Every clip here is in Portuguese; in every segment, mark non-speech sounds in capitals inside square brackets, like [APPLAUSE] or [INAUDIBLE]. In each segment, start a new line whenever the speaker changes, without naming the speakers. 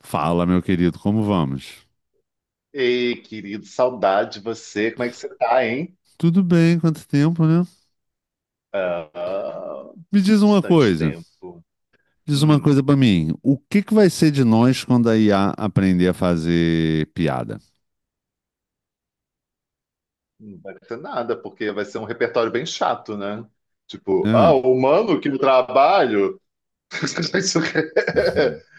Fala, meu querido, como vamos?
Ei, querido, saudade de você. Como é que você tá, hein?
Tudo bem, quanto tempo, né?
Ah,
Me
bastante tempo.
diz uma
Hum,
coisa pra mim. O que que vai ser de nós quando a IA aprender a fazer piada?
não vai ter nada, porque vai ser um repertório bem chato, né? Tipo, ah,
Hã?
o humano que no trabalho.
Uhum.
[LAUGHS]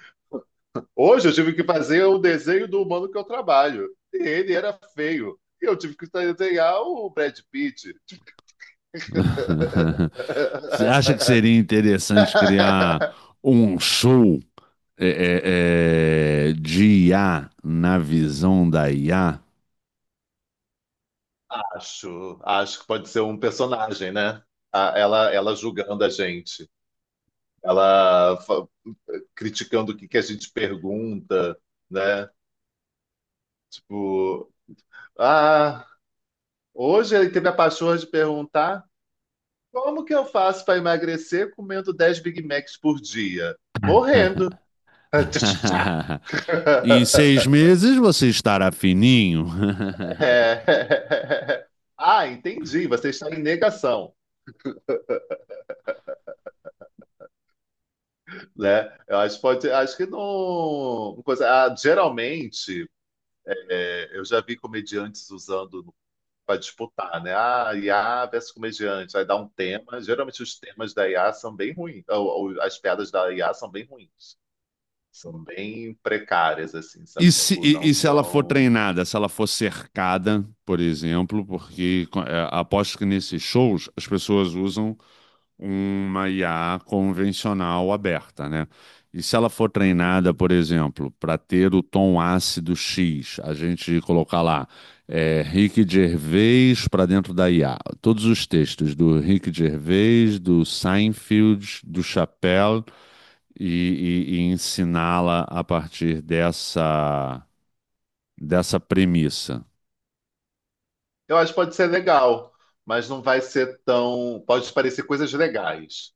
Hoje eu tive que fazer o desenho do humano que eu trabalho. E ele era feio. E eu tive que desenhar o Brad Pitt.
[LAUGHS] Você acha que
[LAUGHS]
seria interessante criar um show de IA na visão da IA?
Acho, acho que pode ser um personagem, né? Ela julgando a gente, ela fa- criticando o que que a gente pergunta, né? Tipo, ah, hoje ele teve a pachorra de perguntar como que eu faço para emagrecer comendo 10 Big Macs por dia? Morrendo. [LAUGHS]
[LAUGHS] Em 6 meses você estará fininho. [LAUGHS]
É. Ah, entendi. Você está em negação, né? Eu acho que pode, acho que não. Ah, geralmente. É, eu já vi comediantes usando para disputar, né? Ah, IA versus comediante. Aí dá um tema. Geralmente os temas da IA são bem ruins. Ou as piadas da IA são bem ruins. São bem precárias, assim,
E
sabe?
se,
Tipo,
e,
não
e se ela for
são.
treinada, se ela for cercada, por exemplo, porque é, aposto que nesses shows as pessoas usam uma IA convencional aberta, né? E se ela for treinada,
Uhum.
por exemplo, para ter o tom ácido X, a gente colocar lá é, Rick Gervais para dentro da IA, todos os textos do Rick Gervais, do Seinfeld, do Chappelle, e, e ensiná-la a partir dessa dessa premissa.
Eu acho que pode ser legal, mas não vai ser tão. Pode parecer coisas legais,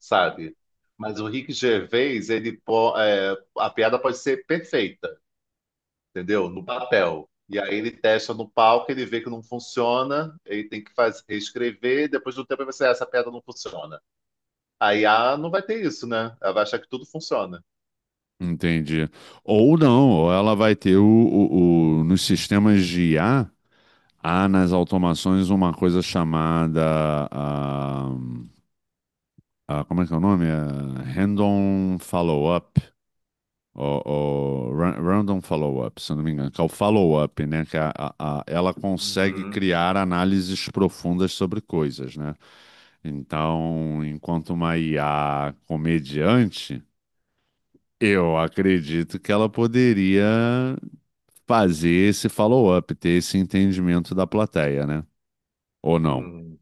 sabe? Mas o Rick Gervais, ele, é, a piada pode ser perfeita. Entendeu? No papel. E aí ele testa no palco, ele vê que não funciona, ele tem que fazer, reescrever, depois do tempo ele vai ser, "Ah, essa piada não funciona." Aí a IA não vai ter isso, né? Ela vai achar que tudo funciona.
Entende? Ou não, ou ela vai ter nos sistemas de IA, há nas automações uma coisa chamada, como é que é o nome? Ah, Random Follow-up, ou ra- Random Follow-up, se eu não me engano, que é o follow-up, né? Que é ela consegue
Uhum,
criar análises profundas sobre coisas, né? Então, enquanto uma IA comediante eu acredito que ela poderia fazer esse follow-up, ter esse entendimento da plateia, né? Ou não?
uhum.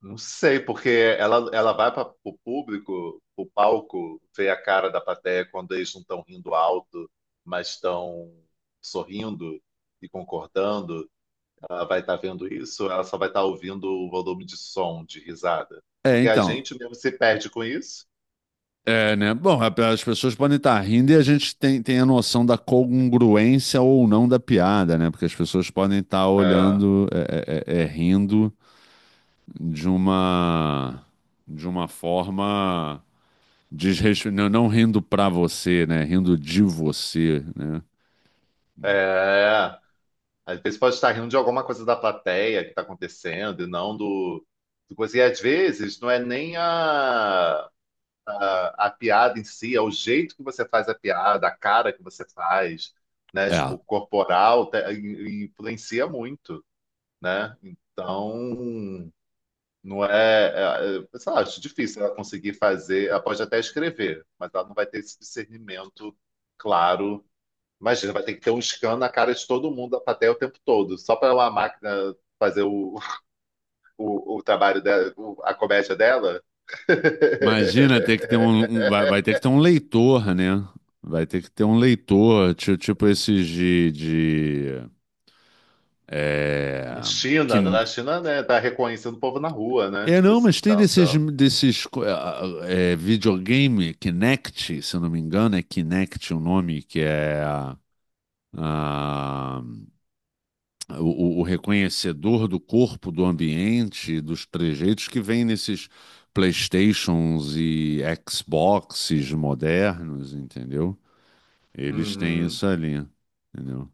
Não sei, porque ela vai para o público, o palco, ver a cara da plateia quando eles não estão rindo alto, mas estão sorrindo e concordando. Ela vai estar vendo isso, ela só vai estar ouvindo o volume de som, de risada.
É,
Porque a
então.
gente mesmo se perde com isso.
É, né? Bom, a- as pessoas podem estar rindo e a gente tem a noção da congruência ou não da piada, né? Porque as pessoas podem estar
É,
olhando, rindo de uma, de uma forma desrespeitosa, não rindo pra você, né? Rindo de você, né?
é, às vezes pode estar rindo de alguma coisa da plateia que está acontecendo e não do coisa. E às vezes não é nem a piada em si, é o jeito que você faz a piada, a cara que você faz, né?
É.
Tipo, corporal, influencia muito, né? Então, não é, sei lá, acho difícil ela conseguir fazer. Ela pode até escrever, mas ela não vai ter esse discernimento claro. Imagina, vai ter que ter um scan na cara de todo mundo da plateia o tempo todo, só para uma máquina fazer o trabalho dela, a comédia dela.
Imagina ter que ter vai, vai ter
[LAUGHS]
que ter um leitor, né? Vai ter que ter um leitor, ti- tipo, esses de é,
A
que,
China, na China, né, tá reconhecendo o povo na rua, né?
é
Tipo
não,
assim,
mas tem
tá
desses
andando.
desses co- videogame Kinect, se eu não me engano, é Kinect o nome que é ah, o reconhecedor do corpo, do ambiente, dos trejeitos que vem nesses PlayStations e Xboxes modernos, entendeu? Eles têm
Uhum.
isso ali, entendeu?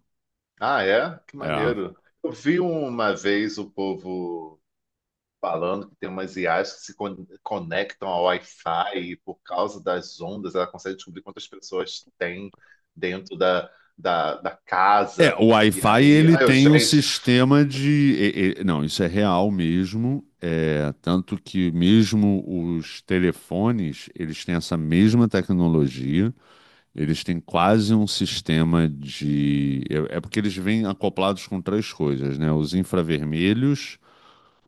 Ah, é? Que
É.
maneiro. Eu vi uma vez o povo falando que tem umas IAs que se conectam ao Wi-Fi e por causa das ondas ela consegue descobrir quantas pessoas tem dentro da
É,
casa.
o
E
Wi-Fi
aí,
ele
ah, eu,
tem um
gente,
sistema de. Não, isso é real mesmo. É, tanto que mesmo os telefones, eles têm essa mesma tecnologia. Eles têm quase um sistema de. É porque eles vêm acoplados com três coisas, né? Os infravermelhos,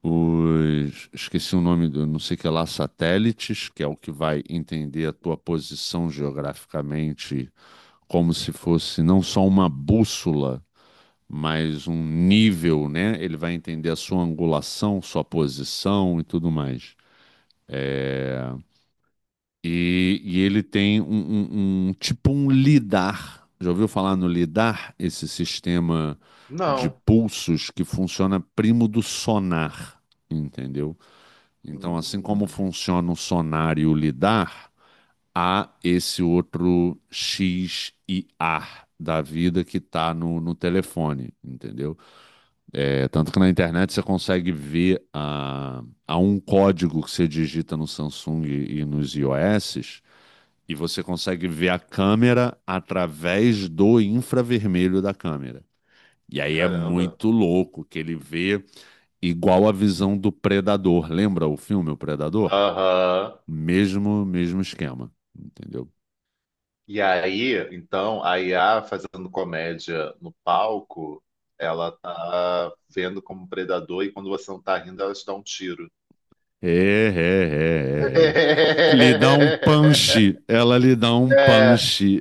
os. Esqueci o nome do não sei o que lá, satélites, que é o que vai entender a tua posição geograficamente como se fosse não só uma bússola, mas um nível, né? Ele vai entender a sua angulação, sua posição e tudo mais. E ele tem um tipo um lidar. Já ouviu falar no lidar? Esse sistema de
não.
pulsos que funciona primo do sonar, entendeu? Então, assim como
Hum,
funciona o sonar e o lidar, há esse outro X e A da vida que tá no telefone, entendeu? É, tanto que na internet você consegue ver a um código que você digita no Samsung e nos iOS, e você consegue ver a câmera através do infravermelho da câmera. E aí é
caramba.
muito louco que ele vê igual a visão do Predador. Lembra o filme O Predador?
Aham.
Mesmo, mesmo esquema, entendeu?
E aí, então, a IA fazendo comédia no palco, ela tá vendo como predador e quando você não tá rindo, ela te dá um tiro.
É, é, é, é. é. Lhe dá um punch,
[LAUGHS]
ela lhe dá um
É,
punch.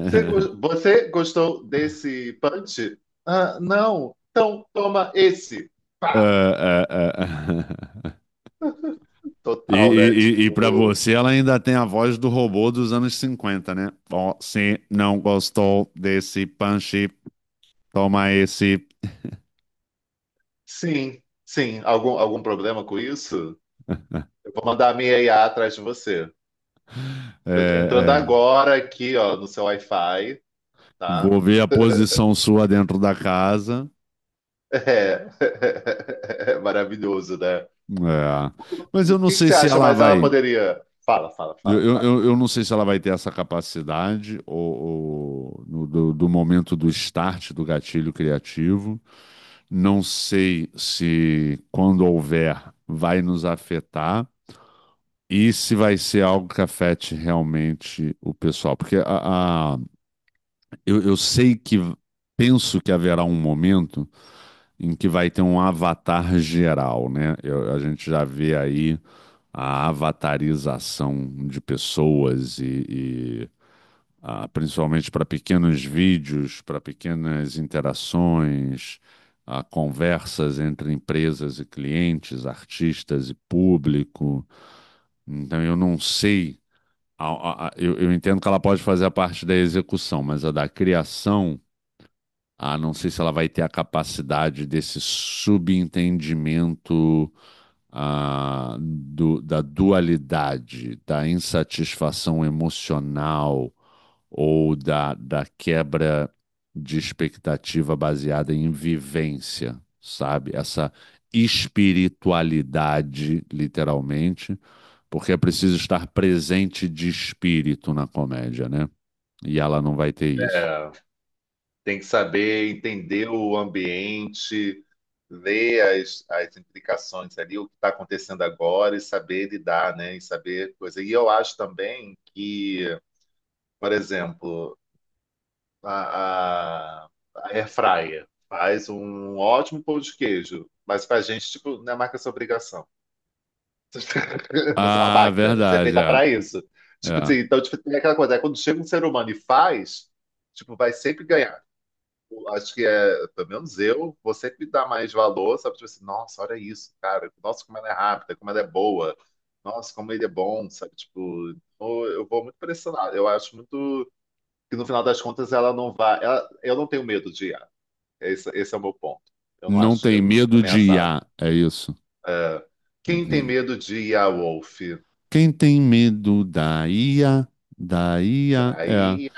Você, go- você gostou desse punch? Ah, não. Então toma esse. Pá!
Ah, ah, ah. E, e,
Total, né?
e, e para
Tipo,
você, ela ainda tem a voz do robô dos anos 50, né? Você não gostou desse punch, toma esse.
sim, sim. Algum problema com isso? Eu vou mandar a minha IA atrás de você. Eu tô entrando
É, é.
agora aqui, ó, no seu Wi-Fi, tá?
Vou ver a posição sua dentro da casa.
É. [LAUGHS] É maravilhoso, né?
É.
O
Mas eu não
que que
sei
você
se
acha?
ela
Mas ela
vai.
poderia. Fala, fala,
Eu,
fala,
eu,
fala.
eu eu não sei se ela vai ter essa capacidade ou no- do momento do start do gatilho criativo. Não sei se, quando houver, vai nos afetar e se vai ser algo que afete realmente o pessoal. Porque a- eu sei que, penso que haverá um momento em que vai ter um avatar geral, né? Eu- a gente já vê aí a avatarização de pessoas e- ah, principalmente para pequenos vídeos, para pequenas interações, ah, conversas entre empresas e clientes, artistas e público. Então, eu não sei, a- eu entendo que ela pode fazer a parte da execução, mas a da criação, ah, não sei se ela vai ter a capacidade desse subentendimento. Ah, do- da dualidade, da insatisfação emocional, ou da, da quebra de expectativa baseada em vivência, sabe? Essa espiritualidade, literalmente, porque é preciso estar presente de espírito na comédia, né? E ela não vai ter isso.
É, tem que saber entender o ambiente, ler as implicações ali, o que está acontecendo agora e saber lidar, né? E saber coisa. E eu acho também que, por exemplo, a, a, a air fryer faz um ótimo pão de queijo, mas pra gente, tipo, não é marca essa obrigação. [LAUGHS] Você é uma
Ah,
máquina, você é
verdade,
feita
é.
para isso. Tipo assim,
É.
então, tipo, tem aquela coisa, é quando chega um ser humano e faz, tipo, vai sempre ganhar. Acho que é, pelo menos eu, você que dá mais valor, sabe? Tipo assim, nossa, olha isso, cara. Nossa, como ela é rápida, como ela é boa. Nossa, como ele é bom, sabe? Tipo, eu vou muito pra esse lado. Eu acho muito que no final das contas ela não vai. Eu não tenho medo de IA. Esse é o meu ponto. Eu não
Não
acho,
tem
eu não me sinto
medo de
ameaçado.
IA, é isso.
É, quem tem
Entendi.
medo de I a Wolf?
Quem tem medo da IA, da IA, é.
Daí,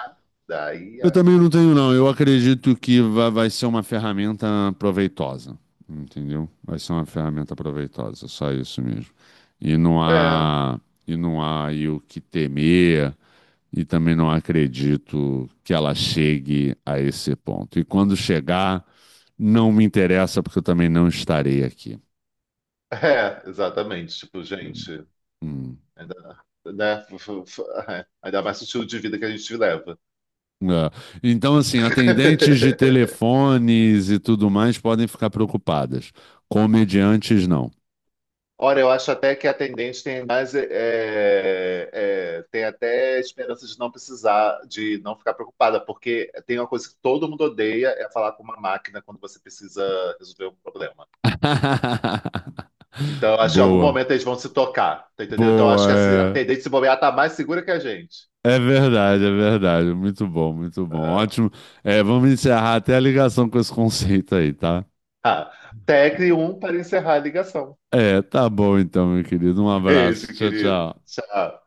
daí.
Eu também não tenho, não. Eu acredito que va- vai ser uma ferramenta proveitosa, entendeu? Vai ser uma ferramenta proveitosa, só isso mesmo. E não
É,
há, e não há aí o que temer, e também não acredito que ela chegue a esse ponto. E quando chegar, não me interessa, porque eu também não estarei aqui.
[LAUGHS] é, exatamente. Tipo, gente.
Hum.
Ainda, né? [LAUGHS] Ainda mais o estilo de vida que a gente leva.
É. Então, assim, atendentes de
[LAUGHS]
telefones e tudo mais podem ficar preocupadas. Comediantes, não.
Ora, eu acho até que a atendente tem mais, tem até esperança de não precisar, de não ficar preocupada, porque tem uma coisa que todo mundo odeia, é falar com uma máquina quando você precisa resolver um problema. Então,
[LAUGHS]
eu acho que em algum
Boa,
momento eles vão se tocar, tá entendendo? Então, eu acho que a
boa,
atendente se bobear tá mais segura que a gente.
é, é verdade, muito bom, ótimo. É, vamos encerrar até a ligação com esse conceito aí, tá?
Ah, ah, tecle 1 para encerrar a ligação.
É, tá bom então, meu querido, um
Beijo,
abraço, tchau,
querido.
tchau.
Tchau.